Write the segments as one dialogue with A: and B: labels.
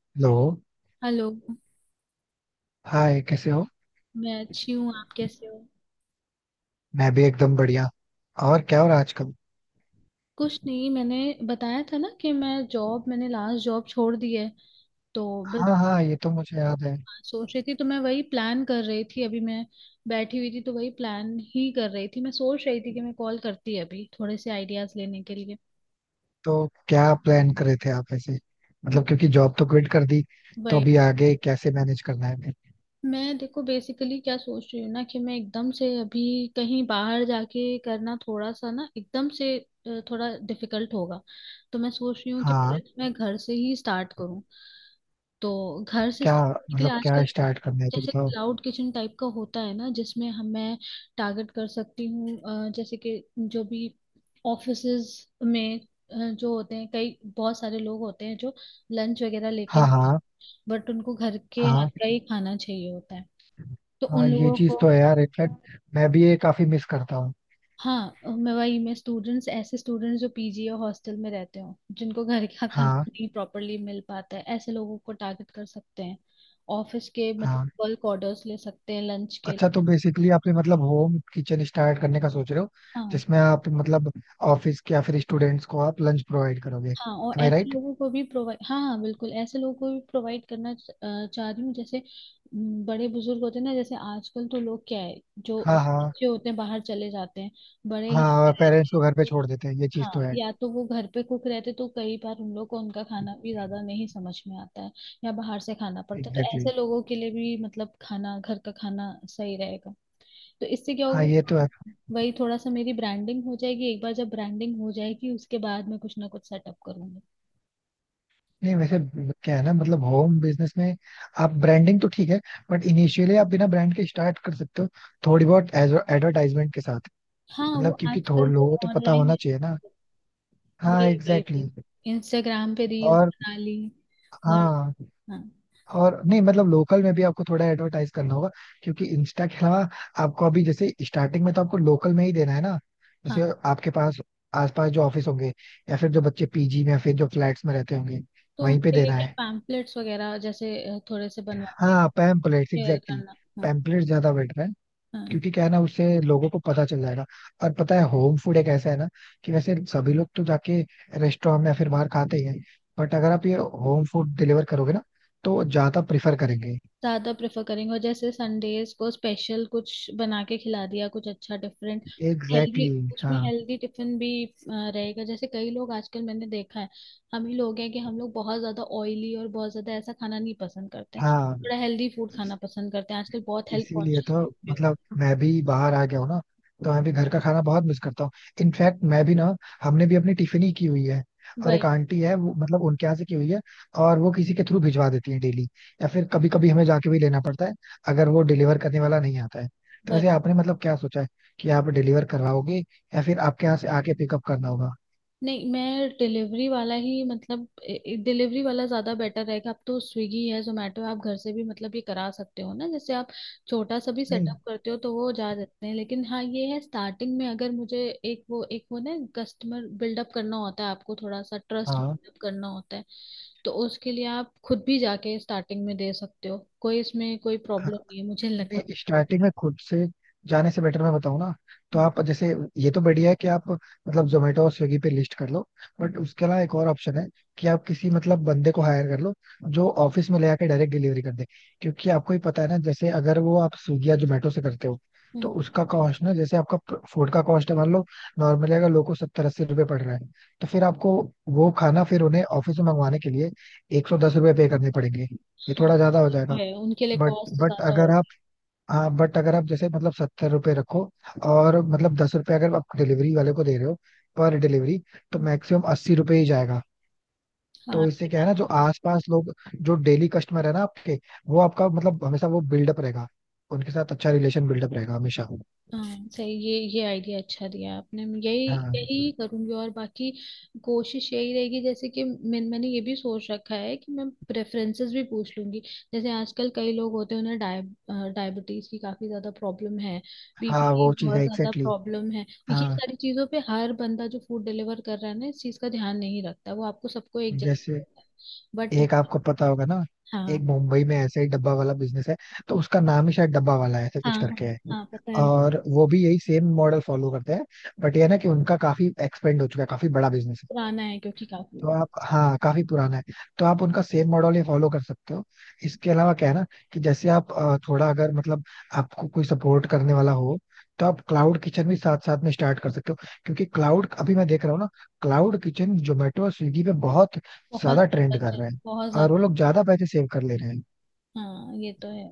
A: Hello.
B: Hello.
A: Hi, कैसे हो?
B: मैं अच्छी हूँ, आप कैसे हो?
A: मैं भी एकदम बढ़िया. और क्या हो रहा है आजकल?
B: कुछ नहीं, मैंने बताया था ना कि मैंने लास्ट जॉब छोड़ दी है तो बस
A: हाँ, हाँ, ये तो मुझे याद है.
B: सोच रही थी। तो मैं वही प्लान कर रही थी। अभी मैं बैठी हुई थी तो वही प्लान ही कर रही थी। मैं सोच रही थी कि मैं कॉल करती अभी थोड़े से आइडियाज लेने के लिए।
A: तो क्या प्लान कर रहे थे आप ऐसे? मतलब क्योंकि जॉब तो क्विट कर दी, तो
B: वही।
A: अभी आगे कैसे मैनेज करना है फिर?
B: मैं देखो बेसिकली क्या सोच रही हूँ ना कि मैं एकदम से अभी कहीं बाहर जाके करना थोड़ा सा ना, एकदम से थोड़ा डिफिकल्ट होगा। तो मैं सोच रही हूँ कि
A: हाँ.
B: मैं घर से ही स्टार्ट करूँ। तो घर से
A: क्या
B: start करने के
A: मतलब
B: लिए
A: क्या
B: आजकल तो
A: स्टार्ट करना है तो
B: जैसे
A: बताओ.
B: क्लाउड किचन टाइप का होता है ना, जिसमें हम मैं टारगेट कर सकती हूँ। जैसे कि जो भी ऑफिसेज में जो होते हैं, कई बहुत सारे लोग होते हैं जो लंच वगैरह लेके,
A: हाँ, हाँ,
B: बट उनको घर के हाथ
A: हाँ,
B: का ही खाना चाहिए होता है। तो
A: हाँ,
B: उन
A: ये
B: लोगों
A: चीज
B: को
A: तो है यार. इनफैक्ट मैं भी ये काफी मिस करता हूँ.
B: हाँ मैं वही मैं स्टूडेंट्स, ऐसे स्टूडेंट्स जो पीजी या हॉस्टल में रहते हो, जिनको घर का खाना
A: हाँ,
B: नहीं प्रॉपरली मिल पाता है, ऐसे लोगों को टारगेट कर सकते हैं। ऑफिस के
A: हाँ.
B: मतलब बल्क ऑर्डर्स ले सकते हैं लंच के।
A: अच्छा, तो बेसिकली आपने मतलब होम किचन स्टार्ट करने का सोच रहे हो,
B: हाँ
A: जिसमें आप मतलब ऑफिस के या फिर स्टूडेंट्स को आप लंच प्रोवाइड करोगे,
B: हाँ, और
A: एम आई
B: ऐसे
A: राइट?
B: लोगों को भी प्रोवाइड, हाँ हाँ बिल्कुल, ऐसे लोगों को भी प्रोवाइड करना चाह रही हूँ। जैसे बड़े बुजुर्ग होते हैं ना, जैसे आजकल तो लोग क्या है जो
A: हाँ, हाँ,
B: बच्चे होते हैं बाहर चले जाते हैं, बड़े घर में
A: हाँ,
B: रहते।
A: पेरेंट्स को घर पे छोड़ देते हैं, ये चीज
B: हाँ,
A: तो है.
B: या तो वो घर पे कुक रहते तो कई बार उन लोग को उनका खाना भी ज्यादा नहीं समझ में आता है, या बाहर से खाना पड़ता है। तो
A: एग्जैक्टली,
B: ऐसे
A: exactly.
B: लोगों के लिए भी मतलब खाना, घर का खाना सही रहेगा। तो इससे क्या
A: हाँ, ये तो
B: होगा,
A: है.
B: वही थोड़ा सा मेरी ब्रांडिंग हो जाएगी। एक बार जब ब्रांडिंग हो जाएगी उसके बाद मैं कुछ ना कुछ सेटअप करूंगी।
A: नहीं वैसे, क्या है ना, मतलब होम बिजनेस में आप ब्रांडिंग तो ठीक है, बट इनिशियली आप बिना ब्रांड के स्टार्ट कर सकते हो, थोड़ी बहुत एडवर्टाइजमेंट के साथ.
B: हाँ, वो
A: मतलब क्योंकि
B: आजकल
A: थोड़े
B: जो
A: लोगों को तो पता
B: ऑनलाइन
A: होना
B: है ना,
A: चाहिए ना.
B: वही
A: हाँ,
B: वही
A: एग्जैक्टली,
B: वही
A: exactly.
B: इंस्टाग्राम पे रील
A: और,
B: बना ली। और
A: हाँ,
B: हाँ
A: और, नहीं मतलब लोकल में भी आपको थोड़ा एडवर्टाइज करना होगा, क्योंकि इंस्टा के अलावा आपको अभी जैसे स्टार्टिंग में तो आपको लोकल में ही देना है ना. जैसे
B: हाँ।
A: आपके पास आसपास जो ऑफिस होंगे, या फिर जो बच्चे पीजी में या फिर जो फ्लैट्स में रहते होंगे,
B: तो
A: वहीं पे
B: उनके लिए
A: देना
B: क्या,
A: है.
B: पैम्पलेट्स वगैरह जैसे थोड़े से बनवा के
A: हाँ, पैम्पलेट्स
B: शेयर
A: एग्जैक्टली.
B: करना। हाँ
A: पैम्पलेट्स ज्यादा बेटर है,
B: हाँ,
A: क्योंकि क्या है ना, उससे लोगों को पता चल जाएगा. और पता है होम फूड एक ऐसा है ना, कि वैसे सभी लोग तो जाके रेस्टोरेंट में या फिर बाहर खाते ही हैं, बट अगर आप ये होम फूड डिलीवर करोगे ना, तो ज्यादा प्रिफर करेंगे.
B: ज्यादा प्रेफर करेंगे, और जैसे संडेज को स्पेशल कुछ बना के खिला दिया कुछ अच्छा डिफरेंट, हेल्दी।
A: एग्जैक्टली, exactly,
B: उसमें
A: हाँ,
B: हेल्दी टिफिन भी रहेगा। जैसे कई लोग आजकल मैंने देखा है, हम ही लोग हैं कि हम लोग बहुत ज्यादा ऑयली और बहुत ज्यादा ऐसा खाना नहीं पसंद करते हैं,
A: हाँ.
B: थोड़ा हेल्दी फूड खाना पसंद करते हैं। आजकल बहुत हेल्थ
A: इसीलिए
B: कॉन्शियस
A: तो,
B: लोग भी हो।
A: मतलब मैं भी बाहर आ गया हूँ ना, तो मैं भी घर का खाना बहुत मिस करता हूँ. इनफैक्ट मैं भी ना, हमने भी अपनी टिफिन ही की हुई है, और एक आंटी है वो मतलब उनके यहाँ से की हुई है, और वो किसी के थ्रू भिजवा देती है डेली, या फिर कभी कभी हमें जाके भी लेना पड़ता है, अगर वो डिलीवर करने वाला नहीं आता है. तो
B: वही।
A: वैसे आपने मतलब क्या सोचा है, कि आप डिलीवर करवाओगे, या फिर आपके यहाँ से आके पिकअप करना होगा?
B: नहीं, मैं डिलीवरी वाला ही मतलब डिलीवरी वाला ज़्यादा बेटर रहेगा। अब तो स्विगी है, जोमेटो, आप घर से भी मतलब ये करा सकते हो ना। जैसे आप छोटा सा भी
A: नहीं,
B: सेटअप करते हो तो वो जा सकते हैं। लेकिन हाँ ये है, स्टार्टिंग में अगर मुझे एक वो ना, कस्टमर बिल्डअप करना होता है, आपको थोड़ा सा ट्रस्ट
A: हाँ,
B: बिल्डअप करना होता है। तो उसके लिए आप खुद भी जाके स्टार्टिंग में दे सकते हो, कोई इसमें कोई प्रॉब्लम नहीं है, मुझे नहीं लगता
A: नहीं,
B: कोई प्रॉब्लम।
A: स्टार्टिंग में खुद से जाने से बेटर मैं बताऊं ना, तो
B: हम्म।
A: आप जैसे, ये तो बढ़िया है कि आप मतलब जोमेटो और स्विगी पे लिस्ट कर लो,
B: हम्म।
A: बट उसके अलावा एक और ऑप्शन है, कि आप किसी मतलब बंदे को हायर कर लो, जो ऑफिस में ले आके डायरेक्ट डिलीवरी कर दे. क्योंकि आपको ही पता है ना, जैसे अगर वो आप स्विगी या जोमेटो से करते हो, तो
B: हम्म।
A: उसका कॉस्ट ना, जैसे आपका फूड का कॉस्ट है मान लो, नॉर्मली अगर लोगों को 70-80 रुपये पड़ रहा है, तो फिर आपको वो खाना फिर उन्हें ऑफिस में मंगवाने के लिए 110 रुपये पे करने पड़ेंगे, ये
B: हाँ
A: थोड़ा ज्यादा हो
B: तो
A: जाएगा.
B: है, उनके लिए
A: बट
B: कॉस्ट
A: बट
B: ज़्यादा
A: अगर आप,
B: होगी।
A: हाँ, बट अगर आप जैसे मतलब 70 रुपये रखो, और मतलब 10 रुपये अगर आप डिलीवरी वाले को दे रहे हो पर डिलीवरी, तो
B: हम्म,
A: मैक्सिमम 80 रुपये ही जाएगा.
B: हाँ
A: तो इससे
B: ये
A: क्या है
B: बात।
A: ना, जो आसपास लोग, जो डेली कस्टमर है ना आपके, वो आपका मतलब हमेशा वो बिल्डअप रहेगा, उनके साथ अच्छा रिलेशन बिल्डअप रहेगा हमेशा.
B: हाँ सही, ये आइडिया अच्छा दिया आपने। मैं यही यही
A: हाँ,
B: करूंगी। और बाकी कोशिश यही रहेगी जैसे कि मैंने ये भी सोच रखा है कि मैं प्रेफरेंसेस भी पूछ लूंगी। जैसे आजकल कई लोग होते हैं, उन्हें डायबिटीज की काफी ज्यादा प्रॉब्लम है, बीपी
A: हाँ,
B: की
A: वो चीज़
B: बहुत
A: है
B: ज्यादा
A: एग्जैक्टली.
B: प्रॉब्लम है। ये
A: हाँ,
B: सारी चीजों पे हर बंदा जो फूड डिलीवर कर रहा है ना, इस चीज का ध्यान नहीं रखता, वो आपको सबको एक जैसा।
A: जैसे
B: बट
A: एक आपको पता होगा ना,
B: हाँ
A: एक मुंबई में ऐसे ही डब्बा वाला बिजनेस है, तो उसका नाम ही शायद डब्बा वाला है, ऐसे कुछ
B: हाँ।
A: करके
B: हाँ
A: है.
B: हाँ पता है।
A: और वो भी यही सेम मॉडल फॉलो करते हैं, बट ये है ना कि उनका काफी एक्सपेंड हो चुका है, काफी बड़ा बिजनेस.
B: पुराना है क्योंकि काफी
A: तो
B: है।
A: आप, हाँ, काफी पुराना है, तो आप उनका सेम मॉडल ही फॉलो कर सकते हो. इसके अलावा क्या है ना, कि जैसे आप थोड़ा अगर मतलब आपको कोई सपोर्ट करने वाला हो, तो आप क्लाउड किचन भी साथ साथ में स्टार्ट कर सकते हो. क्योंकि क्लाउड अभी मैं देख रहा हूँ ना, क्लाउड किचन जोमेटो और स्विगी पे बहुत
B: बहुत
A: ज्यादा
B: ज्यादा
A: ट्रेंड कर
B: चल
A: रहे हैं,
B: बहुत
A: और वो
B: ज्यादा।
A: लोग ज्यादा पैसे सेव कर ले रहे हैं.
B: हाँ ये तो है।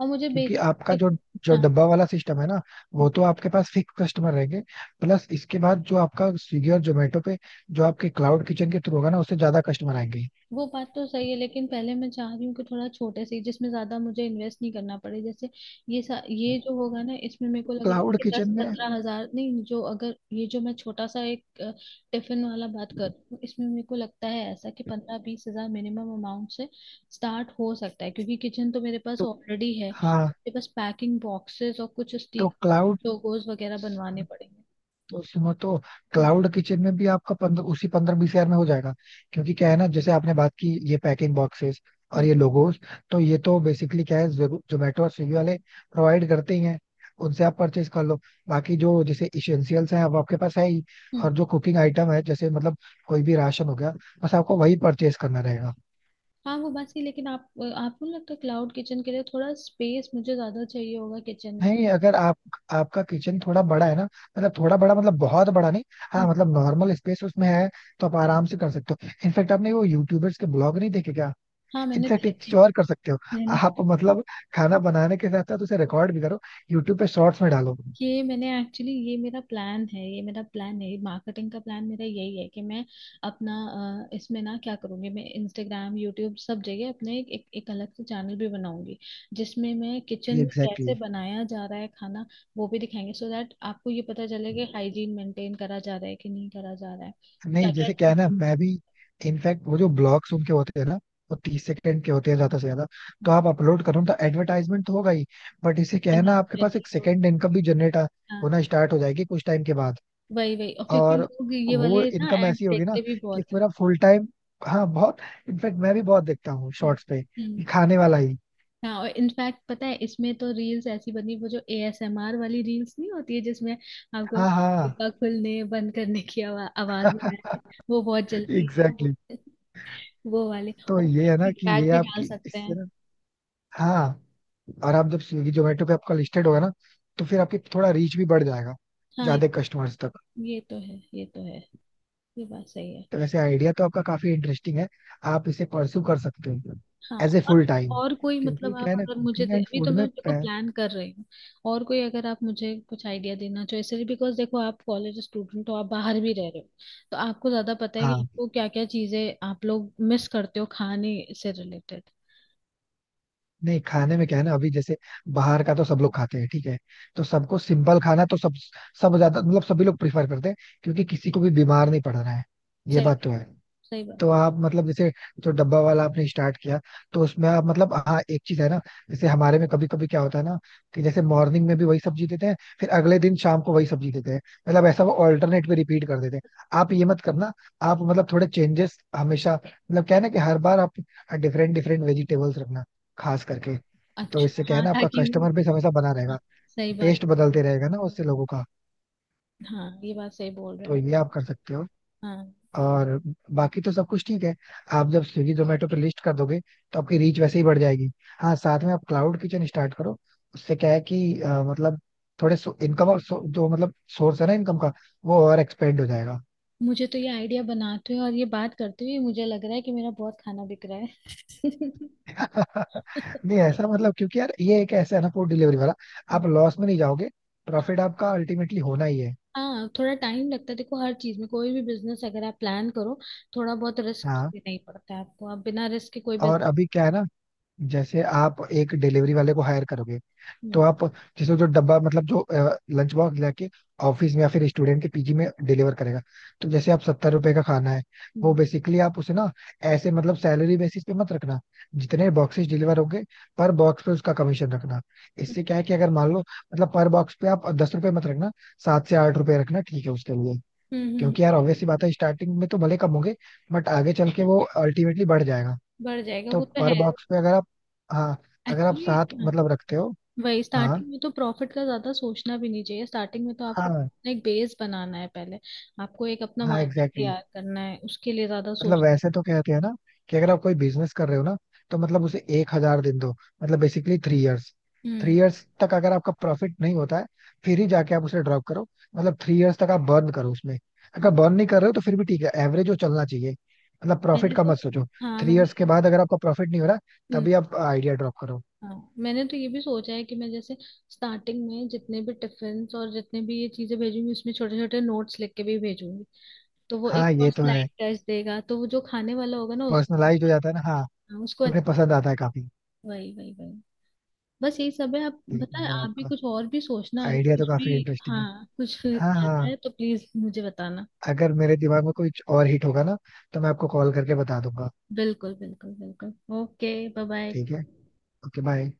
B: और मुझे
A: क्योंकि
B: बेसिक।
A: आपका जो
B: देखो।
A: जो
B: हाँ,
A: डब्बा वाला सिस्टम है ना, वो तो आपके पास फिक्स कस्टमर रहेंगे, प्लस इसके बाद जो आपका स्विगी और जोमेटो पे, जो आपके क्लाउड किचन के थ्रू होगा ना, उससे ज्यादा कस्टमर आएंगे.
B: वो बात तो सही है, लेकिन पहले मैं चाह रही हूँ कि थोड़ा छोटे से ही, जिसमें ज्यादा मुझे इन्वेस्ट नहीं करना पड़े। जैसे ये जो होगा ना, इसमें मेरे को लग रहा है
A: क्लाउड
B: कि दस
A: किचन में,
B: पंद्रह हजार नहीं, जो अगर ये जो मैं छोटा सा एक टिफिन वाला बात कर रही हूँ, इसमें मेरे को लगता है ऐसा कि 15-20 हजार मिनिमम अमाउंट से स्टार्ट हो सकता है। क्योंकि किचन तो मेरे पास
A: तो
B: ऑलरेडी है,
A: हाँ,
B: मेरे पास पैकिंग बॉक्सेस और कुछ
A: तो
B: स्टिक
A: क्लाउड,
B: लोगोज वगैरह बनवाने पड़ेंगे।
A: तो सुनो, तो
B: हम्म।
A: क्लाउड किचन में भी आपका 15, उसी 15-20 हज़ार में हो जाएगा. क्योंकि क्या है ना, जैसे आपने बात की ये पैकिंग बॉक्सेस और
B: हम्म।
A: ये लोगोस, तो ये तो बेसिकली क्या है, जोमेटो और स्विगी वाले प्रोवाइड करते ही हैं, उनसे आप परचेज कर लो. बाकी जो जैसे इसेंशियल्स हैं अब आपके पास है ही.
B: हम्म।
A: और जो कुकिंग आइटम है, जैसे मतलब कोई भी राशन हो गया, बस आपको वही परचेज करना रहेगा.
B: हाँ, वो बात सही। लेकिन आप, आपको नहीं लगता क्लाउड किचन के लिए थोड़ा स्पेस मुझे ज्यादा चाहिए होगा किचन में?
A: नहीं अगर आप, आपका किचन थोड़ा बड़ा है ना, मतलब थोड़ा बड़ा मतलब बहुत बड़ा नहीं, हाँ
B: हम्म,
A: मतलब नॉर्मल स्पेस उसमें है, तो आप आराम से कर सकते हो. इनफैक्ट आपने वो यूट्यूबर्स के ब्लॉग नहीं देखे क्या?
B: हाँ मैंने
A: इनफैक्ट एक
B: देखे।
A: चीज और कर सकते हो,
B: मैंने
A: आप मतलब खाना बनाने के साथ साथ उसे रिकॉर्ड भी करो, यूट्यूब पे शॉर्ट्स में डालो.
B: ये मैंने एक्चुअली, ये मेरा प्लान है, ये मेरा प्लान है। मार्केटिंग का प्लान मेरा यही है कि मैं अपना इसमें ना क्या करूँगी, मैं इंस्टाग्राम यूट्यूब सब जगह अपने एक अलग से चैनल भी बनाऊंगी, जिसमें मैं किचन में
A: एग्जैक्टली,
B: कैसे
A: exactly.
B: बनाया जा रहा है खाना वो भी दिखाएंगे so दैट आपको ये पता चले कि हाइजीन मेंटेन करा जा रहा है कि नहीं करा जा रहा है, क्या
A: नहीं
B: क्या
A: जैसे क्या है ना,
B: चीज़ें।
A: मैं भी इनफैक्ट वो जो ब्लॉग्स उनके होते हैं ना, वो 30 सेकंड के होते हैं ज्यादा से ज्यादा, तो आप अपलोड करो तो एडवर्टाइजमेंट तो होगा ही, बट इसे क्या है ना, आपके
B: पनीर।
A: पास एक सेकंड इनकम भी जनरेट
B: हाँ,
A: होना स्टार्ट हो जाएगी कुछ टाइम के बाद.
B: वही वही, और क्योंकि
A: और
B: लोग ये
A: वो
B: वाले ना
A: इनकम
B: एड
A: ऐसी होगी ना,
B: देखते भी
A: कि
B: बहुत
A: इसमें
B: हैं।
A: ना फुल टाइम, हाँ बहुत, इनफैक्ट मैं भी बहुत देखता हूँ
B: हम्म।
A: शॉर्ट्स पे
B: हम्म।
A: ये खाने वाला ही.
B: हाँ और इनफैक्ट पता है, इसमें तो रील्स ऐसी बनी, वो जो एएसएमआर वाली रील्स नहीं होती है जिसमें आपको
A: हाँ, हाँ,
B: डिब्बा खुलने बंद करने की आवाज है, वो बहुत
A: एग्जैक्टली,
B: जल्दी
A: exactly.
B: है। वो वाले,
A: तो
B: और उसमें
A: ये है ना कि ये
B: फीडबैक भी डाल
A: आपकी
B: सकते
A: इससे
B: हैं।
A: ना. हाँ, और आप जब स्विगी जोमेटो पे आपका लिस्टेड होगा ना, तो फिर आपकी थोड़ा रीच भी बढ़ जाएगा,
B: हाँ
A: ज्यादा कस्टमर्स तक.
B: ये तो है, ये तो है, ये बात सही है।
A: तो वैसे आइडिया तो आपका काफी इंटरेस्टिंग है, आप इसे परस्यू कर सकते हो
B: हाँ,
A: एज ए
B: और
A: फुल टाइम.
B: और कोई मतलब
A: क्योंकि क्या
B: आप
A: है ना
B: अगर मुझे
A: कुकिंग
B: दे
A: एंड
B: अभी, तो
A: फूड में
B: मैं देखो प्लान कर रही हूँ, और कोई अगर आप मुझे कुछ आइडिया देना चाहो, इसलिए बिकॉज देखो आप कॉलेज स्टूडेंट हो, आप बाहर भी रह रहे हो, तो आपको ज्यादा पता है कि
A: हाँ,
B: आपको क्या क्या चीजें आप लोग मिस करते हो खाने से रिलेटेड।
A: नहीं खाने में क्या है ना, अभी जैसे, बाहर का तो सब लोग खाते हैं ठीक है, तो सबको सिंपल खाना तो सब सब ज्यादा मतलब सभी लोग प्रिफर करते हैं, क्योंकि किसी को भी बीमार नहीं पड़ रहा है, ये
B: सही
A: बात
B: बात,
A: तो है.
B: सही
A: तो
B: बात।
A: आप मतलब जैसे जो डब्बा वाला आपने स्टार्ट किया, तो उसमें आप मतलब, हाँ एक चीज है ना, जैसे हमारे में कभी कभी क्या होता है ना, कि जैसे मॉर्निंग में भी वही सब्जी देते हैं, फिर अगले दिन शाम को वही सब्जी देते हैं, मतलब ऐसा वो ऑल्टरनेट पे रिपीट कर देते हैं. आप ये मत करना, आप मतलब थोड़े चेंजेस हमेशा, मतलब क्या है ना कि हर बार आप डिफरेंट डिफरेंट वेजिटेबल्स रखना, खास करके. तो
B: अच्छा
A: इससे क्या है
B: हाँ,
A: ना, आपका
B: ताकि
A: कस्टमर बेस हमेशा बना
B: हाँ,
A: रहेगा,
B: सही बात।
A: टेस्ट बदलते रहेगा ना उससे लोगों का.
B: हाँ ये बात सही बोल रहे
A: तो
B: हो।
A: ये आप कर सकते हो.
B: हाँ।
A: और बाकी तो सब कुछ ठीक है, आप जब स्विगी जोमेटो पे लिस्ट कर दोगे, तो आपकी रीच वैसे ही बढ़ जाएगी. हाँ साथ में आप क्लाउड किचन स्टार्ट करो, उससे क्या है कि मतलब थोड़े इनकम और जो मतलब सोर्स है ना इनकम का, वो और एक्सपेंड हो जाएगा.
B: मुझे तो ये आइडिया बनाते हुए और ये बात करते हुए मुझे लग रहा है कि मेरा बहुत खाना बिक रहा है।
A: नहीं ऐसा मतलब क्योंकि यार, ये एक ऐसा है ना फूड डिलीवरी वाला,
B: हाँ
A: आप लॉस में नहीं जाओगे, प्रॉफिट आपका अल्टीमेटली होना ही है.
B: हाँ, थोड़ा टाइम लगता है। देखो हर चीज में कोई भी बिजनेस अगर आप प्लान करो, थोड़ा बहुत रिस्क
A: हाँ,
B: लेना ही पड़ता है, आपको आप बिना रिस्क के कोई
A: और
B: बिजनेस।
A: अभी क्या है ना, जैसे आप एक डिलीवरी वाले को हायर करोगे, तो
B: हम्म।
A: आप जैसे जो डब्बा मतलब जो लंच बॉक्स लेके ऑफिस में या फिर स्टूडेंट के पीजी में डिलीवर करेगा, तो जैसे आप 70 रुपए का खाना है, वो
B: हम्म।
A: बेसिकली आप उसे ना, ऐसे मतलब सैलरी बेसिस पे मत रखना, जितने बॉक्सेस डिलीवर होंगे पर बॉक्स पे उसका कमीशन रखना.
B: हम्म,
A: इससे क्या है कि अगर मान लो, मतलब पर बॉक्स पे आप 10 रुपए मत रखना, 7 से 8 रुपए रखना ठीक है उसके लिए.
B: हम्म,
A: क्योंकि यार ऑब्वियस सी बात
B: हम्म,
A: है, स्टार्टिंग में तो भले कम होंगे, बट आगे चल के वो अल्टीमेटली बढ़ जाएगा.
B: बढ़ जाएगा
A: तो
B: वो तो है।
A: पर बॉक्स पे अगर आप, हाँ, अगर आप 7
B: एक्चुअली,
A: मतलब रखते हो,
B: वही
A: हाँ,
B: स्टार्टिंग में तो प्रॉफिट का ज्यादा सोचना भी नहीं चाहिए, स्टार्टिंग में तो आपको
A: हाँ,
B: अपना एक बेस बनाना है पहले, आपको एक अपना
A: हाँ,
B: मार्केट
A: एग्जैक्टली,
B: तैयार
A: exactly.
B: करना है उसके लिए, ज्यादा
A: मतलब
B: सोच।
A: वैसे तो कहते हैं ना, कि अगर आप कोई बिजनेस कर रहे हो ना, तो मतलब उसे 1,000 दिन दो, मतलब बेसिकली थ्री इयर्स.
B: हम्म।
A: थ्री इयर्स तक अगर आपका प्रॉफिट नहीं होता है, फिर ही जाके आप उसे ड्रॉप करो, मतलब थ्री इयर्स तक आप बर्न करो उसमें. अगर बर्न नहीं कर रहे हो तो फिर भी ठीक है, एवरेज जो चलना चाहिए, मतलब प्रॉफिट
B: मैंने
A: का
B: तो
A: मत सोचो.
B: हाँ
A: थ्री
B: मैंने
A: इयर्स के बाद अगर आपका प्रॉफिट नहीं हो रहा,
B: हम्म,
A: तभी आप आइडिया ड्रॉप करो.
B: हाँ मैंने तो ये भी सोचा है कि मैं जैसे स्टार्टिंग में जितने भी टिफिन और जितने भी ये चीजें भेजूंगी, उसमें छोटे छोटे नोट्स लिख के भी भेजूंगी। तो वो
A: हाँ
B: एक और
A: ये तो है,
B: स्लाइड टच देगा, तो वो जो खाने वाला होगा ना उसको,
A: पर्सनलाइज हो जाता है ना, हाँ,
B: हाँ, उसको
A: उन्हें
B: अच्छा।
A: पसंद आता है काफी.
B: वही वही वही। बस यही सब है, आप
A: ठीक है
B: बताए,
A: यार,
B: आप भी
A: आपका
B: कुछ और भी सोचना, अगर
A: आइडिया तो
B: कुछ भी
A: काफी इंटरेस्टिंग है,
B: हाँ कुछ
A: हाँ,
B: आता
A: हाँ.
B: है तो प्लीज मुझे बताना।
A: अगर मेरे दिमाग में कुछ और हिट होगा ना, तो मैं आपको कॉल करके बता दूंगा.
B: बिल्कुल बिल्कुल बिल्कुल। Okay bye bye.
A: ठीक है. Okay bye.